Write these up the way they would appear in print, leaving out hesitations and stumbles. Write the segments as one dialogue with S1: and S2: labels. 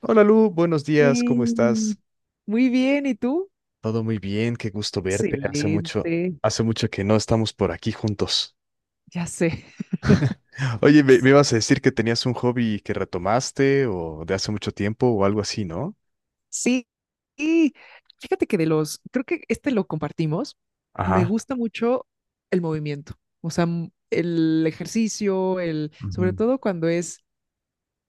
S1: Hola Lu, buenos días, ¿cómo estás?
S2: Bien. Muy bien, ¿y tú?
S1: Todo muy bien, qué gusto verte. Hace mucho,
S2: Excelente,
S1: hace mucho que no estamos por aquí juntos.
S2: ya sé.
S1: Oye, me ibas a decir que tenías un hobby que retomaste o de hace mucho tiempo o algo así, ¿no?
S2: Sí, y fíjate que de los, creo que este lo compartimos, me
S1: Ajá.
S2: gusta mucho el movimiento, o sea, el ejercicio, sobre
S1: Ujú.
S2: todo cuando es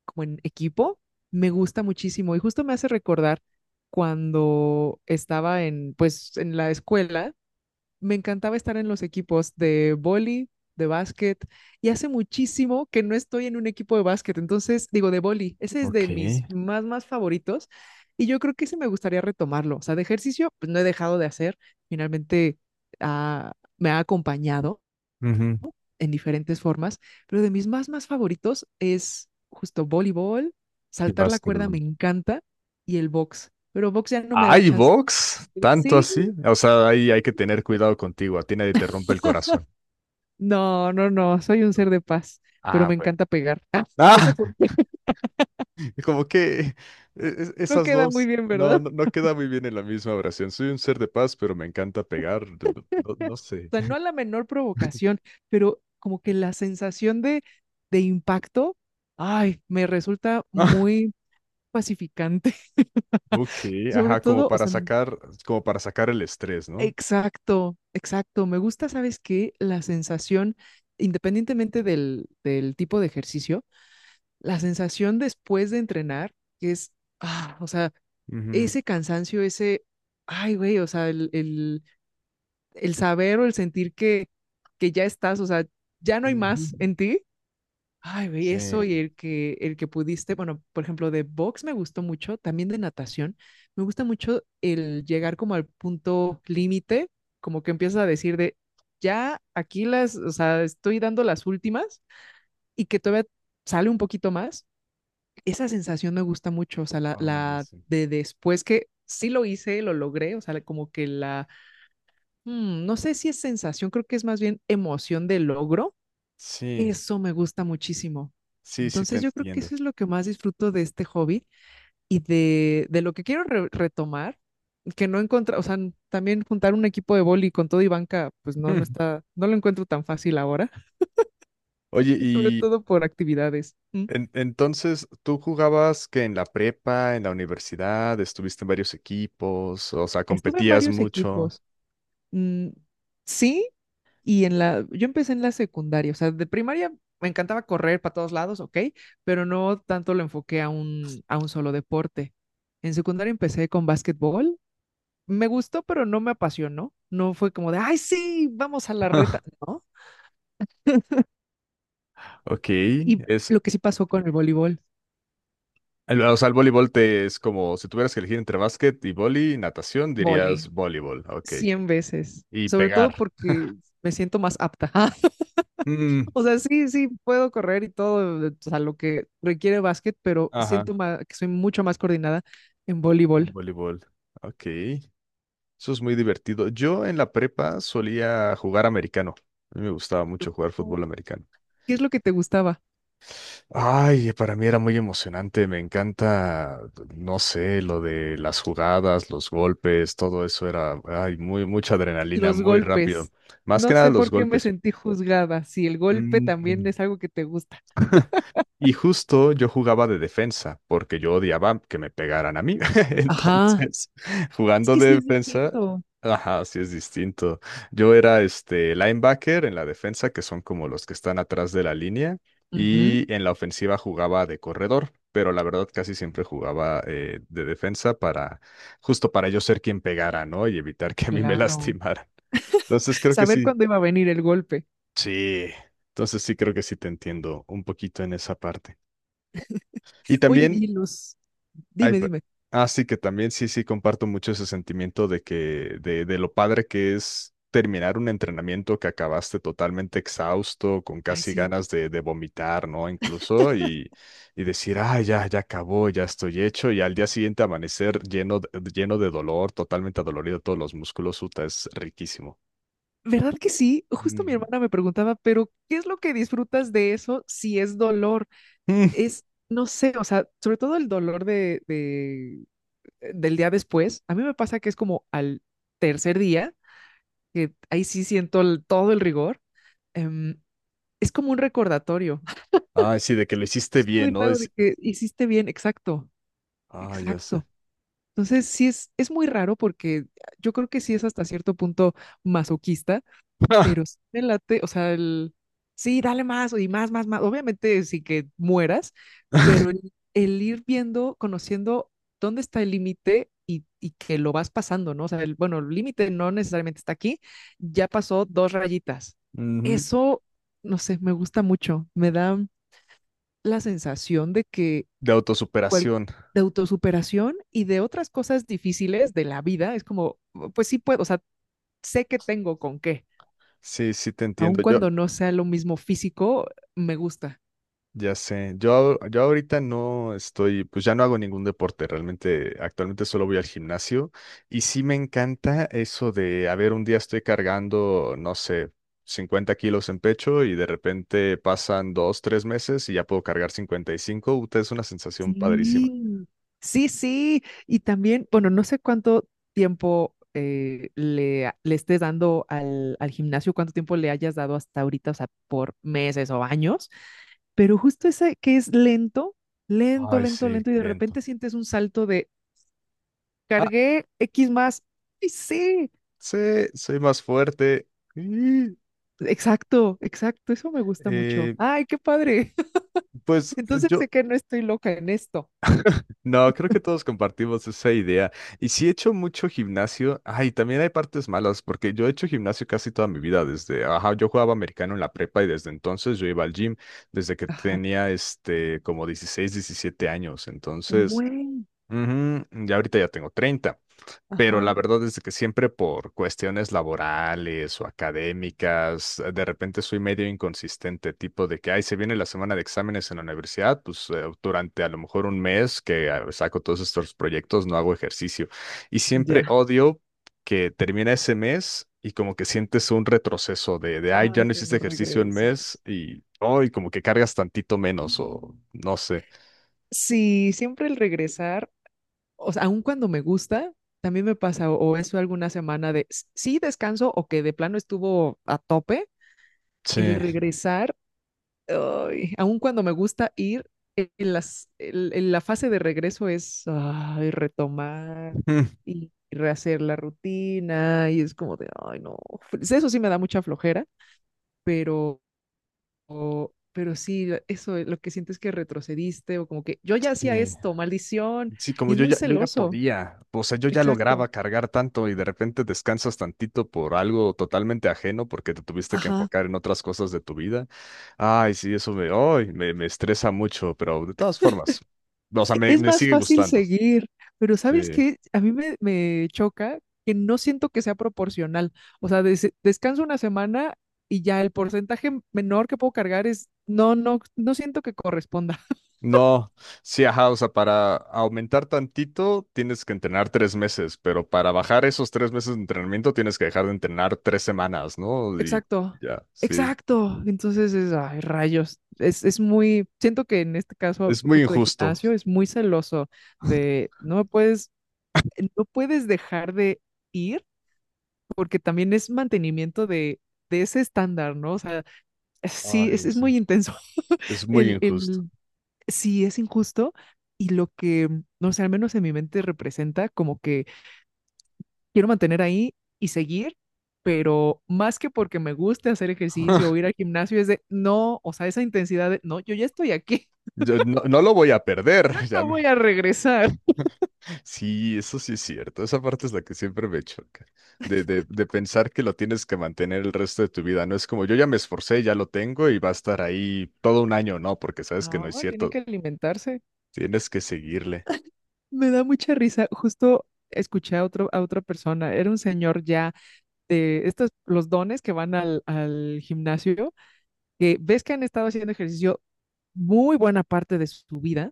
S2: como en equipo, me gusta muchísimo y justo me hace recordar cuando estaba pues, en la escuela me encantaba estar en los equipos de vóley, de básquet, y hace muchísimo que no estoy en un equipo de básquet, entonces digo de vóley, ese es de
S1: Ok.
S2: mis más favoritos, y yo creo que ese me gustaría retomarlo. O sea, de ejercicio, pues no he dejado de hacer, finalmente me ha acompañado
S1: Ujú.
S2: en diferentes formas, pero de mis más favoritos es justo voleibol,
S1: Y
S2: saltar la cuerda
S1: básquetbol.
S2: me encanta, y el box, pero box ya no me da
S1: ¡Ay,
S2: chance.
S1: box! ¿Tanto
S2: Sí,
S1: así? O sea, ahí hay que tener cuidado contigo, a ti nadie te rompe el corazón.
S2: no, no, no, soy un ser de paz, pero
S1: Ah,
S2: me
S1: bueno.
S2: encanta pegar. Ah, no sé por qué,
S1: Como que es
S2: no
S1: esas
S2: queda muy
S1: dos
S2: bien,
S1: no,
S2: ¿verdad?
S1: no, no queda muy bien en la misma oración. Soy un ser de paz, pero me encanta pegar. No, no
S2: O
S1: sé.
S2: sea, no a la menor provocación, pero como que la sensación de impacto, ay, me resulta muy pacificante.
S1: Ok,
S2: Sobre
S1: ajá, como
S2: todo, o
S1: para
S2: sea,
S1: sacar, como para sacar el estrés, ¿no?
S2: exacto, exacto. Me gusta, ¿sabes qué? La sensación, independientemente del tipo de ejercicio, la sensación después de entrenar, que es, o sea,
S1: Ujú.
S2: ese cansancio, ay, güey, o sea, el saber o el sentir que ya estás, o sea, ya no hay
S1: Ujú.
S2: más en ti. Ay, güey, eso y
S1: Sí.
S2: el que pudiste, bueno, por ejemplo, de box me gustó mucho, también de natación, me gusta mucho el llegar como al punto límite, como que empiezas a decir de, ya aquí las, o sea, estoy dando las últimas y que todavía sale un poquito más esa sensación me gusta mucho, o sea, la,
S1: Ay,
S2: la
S1: sí.
S2: de después que sí lo hice, lo logré, o sea, como que no sé si es sensación, creo que es más bien emoción de logro,
S1: Sí,
S2: eso me gusta muchísimo.
S1: sí, sí te
S2: Entonces yo creo que
S1: entiendo.
S2: eso es lo que más disfruto de este hobby y de lo que quiero retomar, que no encontrar, o sea, también juntar un equipo de boli con todo y banca, pues no, no
S1: Mm.
S2: está, no lo encuentro tan fácil ahora,
S1: Oye,
S2: sobre
S1: y
S2: todo por actividades. Mm.
S1: entonces, ¿tú jugabas que en la prepa, en la universidad, estuviste en varios equipos, o sea,
S2: Estuve en
S1: competías
S2: varios
S1: mucho?
S2: equipos. Mm, sí, y yo empecé en la secundaria, o sea, de primaria me encantaba correr para todos lados, ok, pero no tanto lo enfoqué a un solo deporte. En secundaria empecé con básquetbol, me gustó, pero no me apasionó, no fue como de, ay, sí, vamos a la reta, ¿no?
S1: Ok.
S2: Y
S1: es,
S2: lo que sí pasó con el voleibol,
S1: O sea, el voleibol te es como si tuvieras que elegir entre básquet y vóley y natación,
S2: vóley,
S1: dirías voleibol. Ok.
S2: 100 veces,
S1: Y
S2: sobre todo
S1: pegar.
S2: porque me siento más apta.
S1: Mm,
S2: O sea, sí, sí, puedo correr y todo, o sea, lo que requiere básquet, pero
S1: ajá,
S2: siento que soy mucho más coordinada en
S1: en
S2: voleibol.
S1: voleibol. Ok. Eso es muy divertido. Yo en la prepa solía jugar americano. A mí me gustaba mucho jugar
S2: No.
S1: fútbol americano.
S2: ¿Qué es lo que te gustaba?
S1: Ay, para mí era muy emocionante. Me encanta, no sé, lo de las jugadas, los golpes, todo eso era, ay, mucha adrenalina,
S2: Los
S1: muy rápido.
S2: golpes.
S1: Más que
S2: No
S1: nada
S2: sé
S1: los
S2: por qué me
S1: golpes.
S2: sentí juzgada, si el golpe también
S1: Mm.
S2: es algo que te gusta.
S1: Y justo yo jugaba de defensa, porque yo odiaba que me pegaran a mí.
S2: Ajá.
S1: Entonces,
S2: Es
S1: jugando
S2: que
S1: de
S2: sí es
S1: defensa,
S2: distinto.
S1: ajá, sí es distinto. Yo era este linebacker en la defensa, que son como los que están atrás de la línea,
S2: Ujú,
S1: y en la ofensiva jugaba de corredor, pero la verdad casi siempre jugaba de defensa justo para yo ser quien pegara, ¿no? Y evitar que a mí me
S2: claro.
S1: lastimaran. Entonces creo que
S2: Saber
S1: sí.
S2: cuándo iba a venir el golpe.
S1: Sí. Entonces sí creo que sí te entiendo un poquito en esa parte. Y
S2: Oye,
S1: también, ay,
S2: dime, dime.
S1: sí, que también sí, sí, comparto mucho ese sentimiento de que, de lo padre que es terminar un entrenamiento que acabaste totalmente exhausto, con
S2: Ay,
S1: casi
S2: sí.
S1: ganas de vomitar, ¿no? Incluso, y decir, ah, ya, ya acabó, ya estoy hecho, y al día siguiente amanecer lleno de dolor, totalmente adolorido todos los músculos, uta, es riquísimo.
S2: ¿Verdad que sí? Justo mi
S1: Mm.
S2: hermana me preguntaba, pero ¿qué es lo que disfrutas de eso si es dolor?
S1: Mm.
S2: No sé, o sea, sobre todo el dolor del día después, a mí me pasa que es como al tercer día, que ahí sí siento todo el rigor, em, es como un recordatorio.
S1: Ay, sí, de que lo hiciste
S2: Es
S1: bien,
S2: muy
S1: ¿no?
S2: raro de que hiciste bien, exacto,
S1: Ya sé.
S2: exacto. Entonces, sí es muy raro porque yo creo que sí es hasta cierto punto masoquista, pero sí me late, o sea, sí, dale más y más, más, más, obviamente sí que mueras, pero el ir viendo, conociendo dónde está el límite y que lo vas pasando, ¿no? O sea, bueno, el límite no necesariamente está aquí, ya pasó dos rayitas.
S1: Ujú.
S2: Eso, no sé, me gusta mucho, me da la sensación de que
S1: De
S2: cual-
S1: autosuperación.
S2: de autosuperación y de otras cosas difíciles de la vida, es como, "Oh, pues sí puedo, o sea, sé que tengo con qué,
S1: Sí, sí te
S2: aun
S1: entiendo. Yo,
S2: cuando no sea lo mismo físico, me gusta.
S1: ya sé. Yo ahorita no estoy, pues ya no hago ningún deporte, realmente actualmente solo voy al gimnasio y sí me encanta eso de, a ver, un día estoy cargando, no sé, 50 kilos en pecho y de repente pasan dos, tres meses y ya puedo cargar 55. Uta, es una sensación padrísima.
S2: Sí, sí, sí. Y también, bueno, no sé cuánto tiempo le estés dando al gimnasio, cuánto tiempo le hayas dado hasta ahorita, o sea, por meses o años, pero justo ese que es lento, lento,
S1: Ay,
S2: lento,
S1: sí,
S2: lento, y de
S1: lento.
S2: repente sientes un salto de
S1: Ah,
S2: cargué X más. Y sí,
S1: sí, soy más fuerte. Y,
S2: exacto, exacto, eso me gusta mucho.
S1: eh,
S2: Ay, qué padre.
S1: pues
S2: Entonces
S1: yo.
S2: sé que no estoy loca en esto.
S1: No, creo que todos compartimos esa idea. Y sí he hecho mucho gimnasio. Ay, también hay partes malas, porque yo he hecho gimnasio casi toda mi vida, desde, ajá, yo jugaba americano en la prepa y desde entonces yo iba al gym, desde que
S2: Ajá.
S1: tenía, como 16, 17 años. Entonces,
S2: Mm,
S1: ujú, ya ahorita ya tengo 30, pero la
S2: ajá.
S1: verdad es de que siempre por cuestiones laborales o académicas, de repente soy medio inconsistente, tipo de que, ay, se viene la semana de exámenes en la universidad, pues durante a lo mejor un mes que saco todos estos proyectos no hago ejercicio. Y siempre
S2: Ya.
S1: odio que termina ese mes y como que sientes un retroceso de, ay, ya
S2: Ay,
S1: no hiciste
S2: cuando
S1: ejercicio un mes
S2: regresas.
S1: y hoy como que cargas tantito menos o no sé.
S2: Sí, siempre el regresar, o sea, aun cuando me gusta, también me pasa, o, eso alguna semana de sí descanso o que de plano estuvo a tope,
S1: Sí.
S2: el regresar, ay, aun cuando me gusta ir, en la fase de regreso es ay, retomar
S1: Mm.
S2: y rehacer la rutina, y es como de, ay, no, pues eso sí me da mucha flojera, pero pero sí, eso, lo que sientes que retrocediste o como que yo ya hacía
S1: Sí.
S2: esto, maldición,
S1: Sí, como
S2: y es
S1: yo
S2: muy
S1: ya, yo ya
S2: celoso,
S1: podía, o sea, yo ya
S2: exacto.
S1: lograba cargar tanto y de repente descansas tantito por algo totalmente ajeno porque te tuviste que
S2: Ajá,
S1: enfocar en otras cosas de tu vida. Ay, sí, eso me, ay, me estresa mucho, pero de todas formas, o sea, me,
S2: es
S1: me
S2: más
S1: sigue
S2: fácil
S1: gustando.
S2: seguir, pero ¿sabes
S1: Sí.
S2: qué? A mí me choca que no siento que sea proporcional. O sea, descanso una semana y ya el porcentaje menor que puedo cargar no, no, no siento que corresponda.
S1: No, sí, ajá, o sea, para aumentar tantito tienes que entrenar 3 meses, pero para bajar esos 3 meses de entrenamiento tienes que dejar de entrenar 3 semanas, ¿no? Y
S2: Exacto,
S1: ya, sí, es,
S2: exacto. Entonces ay, rayos. Es siento que en este caso,
S1: es muy
S2: justo de
S1: injusto.
S2: gimnasio, es muy celoso de no puedes dejar de ir, porque también es mantenimiento de ese estándar, ¿no? O sea, sí, es,
S1: Ay,
S2: es
S1: sí.
S2: muy intenso.
S1: Es muy
S2: El,
S1: injusto.
S2: el, sí, es injusto. Y no sé, al menos en mi mente representa como que quiero mantener ahí y seguir, pero más que porque me guste hacer ejercicio o ir al gimnasio, es de no, o sea, esa intensidad de no, yo ya estoy aquí,
S1: Yo no, no lo voy a perder. Ya
S2: no voy
S1: me...
S2: a regresar.
S1: Sí, eso sí es cierto. Esa parte es la que siempre me choca. De pensar que lo tienes que mantener el resto de tu vida. No es como yo ya me esforcé, ya lo tengo y va a estar ahí todo un año. No, porque sabes que no
S2: No,
S1: es
S2: tienen
S1: cierto.
S2: que alimentarse.
S1: Tienes que seguirle.
S2: Me da mucha risa. Justo escuché a otra persona, era un señor ya de estos, los dones que van al gimnasio, que ves que han estado haciendo ejercicio muy buena parte de su vida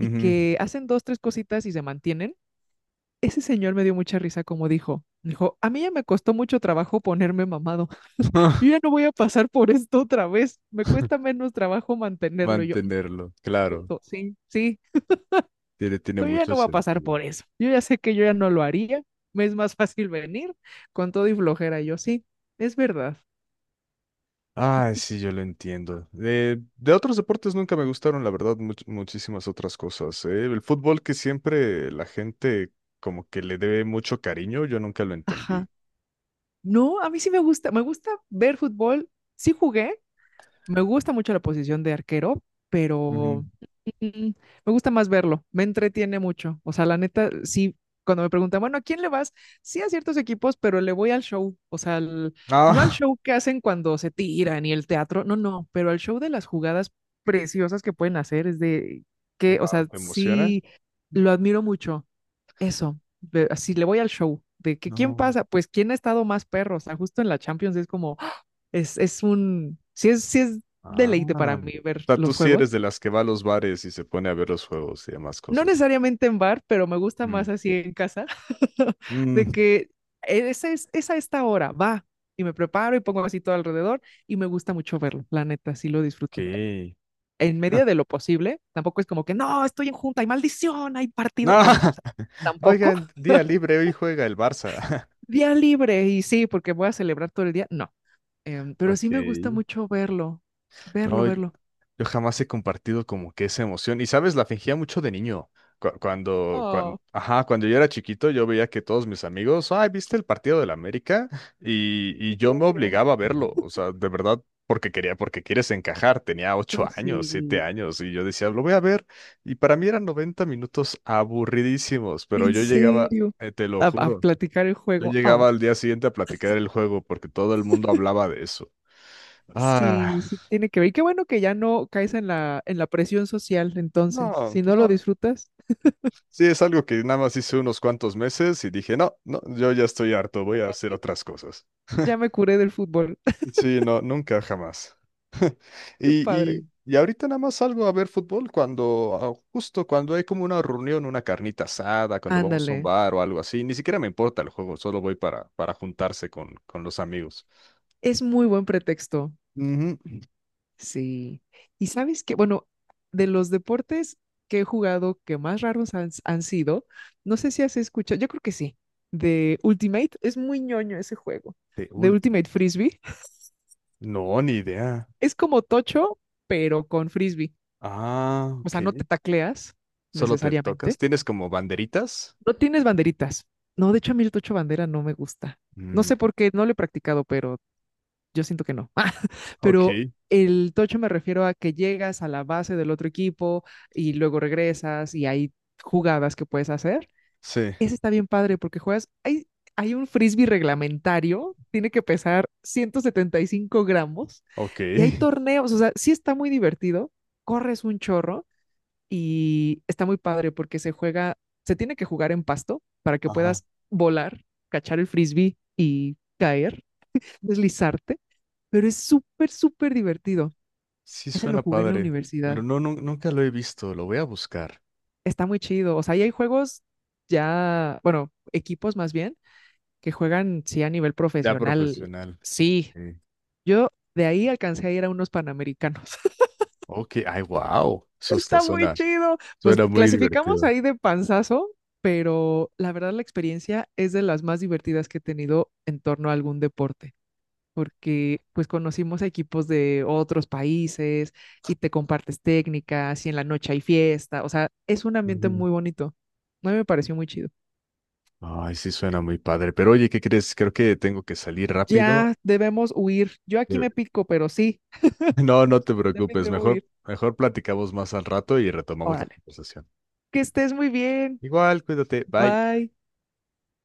S2: y que hacen dos, tres cositas y se mantienen. Ese señor me dio mucha risa como dijo. Dijo, a mí ya me costó mucho trabajo ponerme mamado. Yo ya no voy a pasar por esto otra vez. Me cuesta menos trabajo mantenerlo. Y yo,
S1: Mantenerlo. Claro.
S2: punto, sí, sí.
S1: Tiene
S2: Yo ya
S1: mucho
S2: no voy a pasar
S1: sentido.
S2: por eso. Yo ya sé que yo ya no lo haría. Me es más fácil venir con todo y flojera. Y yo sí, es verdad.
S1: Ay, sí, yo lo entiendo. De otros deportes nunca me gustaron, la verdad, muchísimas otras cosas. ¿Eh? El fútbol, que siempre la gente como que le debe mucho cariño, yo nunca lo
S2: Ajá.
S1: entendí.
S2: No, a mí sí me gusta. Me gusta ver fútbol. Sí jugué. Me gusta mucho la posición de arquero,
S1: Ujú.
S2: pero Mm, me gusta más verlo, me entretiene mucho. O sea, la neta, sí, cuando me preguntan, bueno, ¿a quién le vas? Sí, a ciertos equipos, pero le voy al show. O sea, no al
S1: Ah.
S2: show que hacen cuando se tiran y el teatro, no, no, pero al show de las jugadas preciosas que pueden hacer. Es de que, o
S1: Wow,
S2: sea,
S1: ¿te emociona?
S2: sí, lo admiro mucho. Eso, así le voy al show. De que quién
S1: No.
S2: pasa, pues quién ha estado más perro. O sea, justo en la Champions es como, ¡ah! Es un, sí es
S1: Ah.
S2: deleite para mí
S1: O
S2: ver
S1: sea, tú
S2: los
S1: sí eres
S2: juegos.
S1: de las que va a los bares y se pone a ver los juegos y demás
S2: No
S1: cosas.
S2: necesariamente en bar, pero me gusta
S1: Mm.
S2: más así en casa, de
S1: Mm,
S2: que esa es a esta hora, va, y me preparo y pongo así todo alrededor y me gusta mucho verlo, la neta, sí lo
S1: ok.
S2: disfruto. En medida de lo posible, tampoco es como que, no, estoy en junta, hay maldición, hay partido,
S1: No.
S2: no, no, o sea, tampoco.
S1: Oigan, día libre, hoy juega el Barça.
S2: Día libre y sí, porque voy a celebrar todo el día, no, pero sí
S1: Ok.
S2: me gusta mucho verlo, verlo,
S1: No.
S2: verlo.
S1: Yo jamás he compartido como que esa emoción. Y sabes, la fingía mucho de niño. Cu- Cuando,
S2: Oh,
S1: cuando, ajá, cuando yo era chiquito, yo veía que todos mis amigos, ay, ¿viste el partido del América? Y yo me
S2: obvio.
S1: obligaba a verlo. O sea, de verdad, porque quieres encajar. Tenía ocho
S2: Pues
S1: años, siete
S2: sí,
S1: años, y yo decía, lo voy a ver. Y para mí eran 90 minutos aburridísimos, pero
S2: en
S1: yo llegaba,
S2: serio.
S1: te lo
S2: A
S1: juro,
S2: platicar el
S1: yo
S2: juego. Oh,
S1: llegaba al día siguiente a platicar el juego porque todo el mundo hablaba de eso. Ah,
S2: sí, sí, tiene que ver. Y qué bueno que ya no caes en la, presión social, entonces.
S1: no,
S2: Si no lo
S1: no.
S2: disfrutas,
S1: Sí, es algo que nada más hice unos cuantos meses y dije, no, no, yo ya estoy harto, voy a
S2: para
S1: hacer
S2: mí,
S1: otras cosas.
S2: ya me curé del fútbol.
S1: Sí, no, nunca, jamás.
S2: Qué
S1: Y,
S2: padre.
S1: y, y ahorita nada más salgo a ver fútbol justo cuando hay como una reunión, una carnita asada, cuando vamos a un
S2: Ándale.
S1: bar o algo así. Ni siquiera me importa el juego, solo voy para juntarse con los amigos.
S2: Es muy buen pretexto.
S1: Ujú.
S2: Sí. Y sabes que, bueno, de los deportes que he jugado que más raros han sido, no sé si has escuchado, yo creo que sí, de Ultimate. Es muy ñoño ese juego.
S1: De
S2: De
S1: último.
S2: Ultimate Frisbee.
S1: No, ni idea.
S2: Es como tocho, pero con frisbee.
S1: Ah,
S2: O sea, no te
S1: ok.
S2: tacleas
S1: Solo te tocas.
S2: necesariamente.
S1: ¿Tienes como banderitas?
S2: No tienes banderitas. No, de hecho a mí el tocho bandera no me gusta. No
S1: Mm,
S2: sé por qué, no lo he practicado, pero yo siento que no. Ah, pero
S1: ok.
S2: el tocho me refiero a que llegas a la base del otro equipo y luego regresas y hay jugadas que puedes hacer.
S1: Sí,
S2: Ese está bien padre porque juegas, hay un frisbee reglamentario, tiene que pesar 175 g
S1: ok.
S2: y hay torneos, o sea, sí está muy divertido, corres un chorro y está muy padre porque se tiene que jugar en pasto para que
S1: Ajá.
S2: puedas volar, cachar el frisbee y caer, deslizarte, pero es súper, súper divertido.
S1: Sí
S2: Ese lo
S1: suena
S2: jugué en la
S1: padre, pero
S2: universidad.
S1: no, nunca lo he visto. Lo voy a buscar.
S2: Está muy chido. O sea, ahí hay juegos ya, bueno, equipos más bien, que juegan, sí, a nivel
S1: Ya
S2: profesional.
S1: profesional.
S2: Sí,
S1: Sí.
S2: yo de ahí alcancé a ir a unos panamericanos.
S1: Ok, ay, wow. Eso está,
S2: Está muy chido. Pues
S1: suena muy
S2: clasificamos
S1: divertido.
S2: ahí de panzazo, pero la verdad la experiencia es de las más divertidas que he tenido en torno a algún deporte, porque pues conocimos a equipos de otros países y te compartes técnicas y en la noche hay fiesta, o sea, es un ambiente
S1: Ujú.
S2: muy bonito. A mí me pareció muy chido.
S1: Ay, sí suena muy padre. Pero oye, ¿qué crees? Creo que tengo que salir rápido.
S2: Ya debemos huir. Yo aquí
S1: Eh,
S2: me pico, pero sí,
S1: No, no te
S2: también
S1: preocupes.
S2: debo
S1: Mejor,
S2: huir.
S1: mejor platicamos más al rato y retomamos la
S2: Órale.
S1: conversación.
S2: Que estés muy bien.
S1: Igual, cuídate. Bye.
S2: Bye.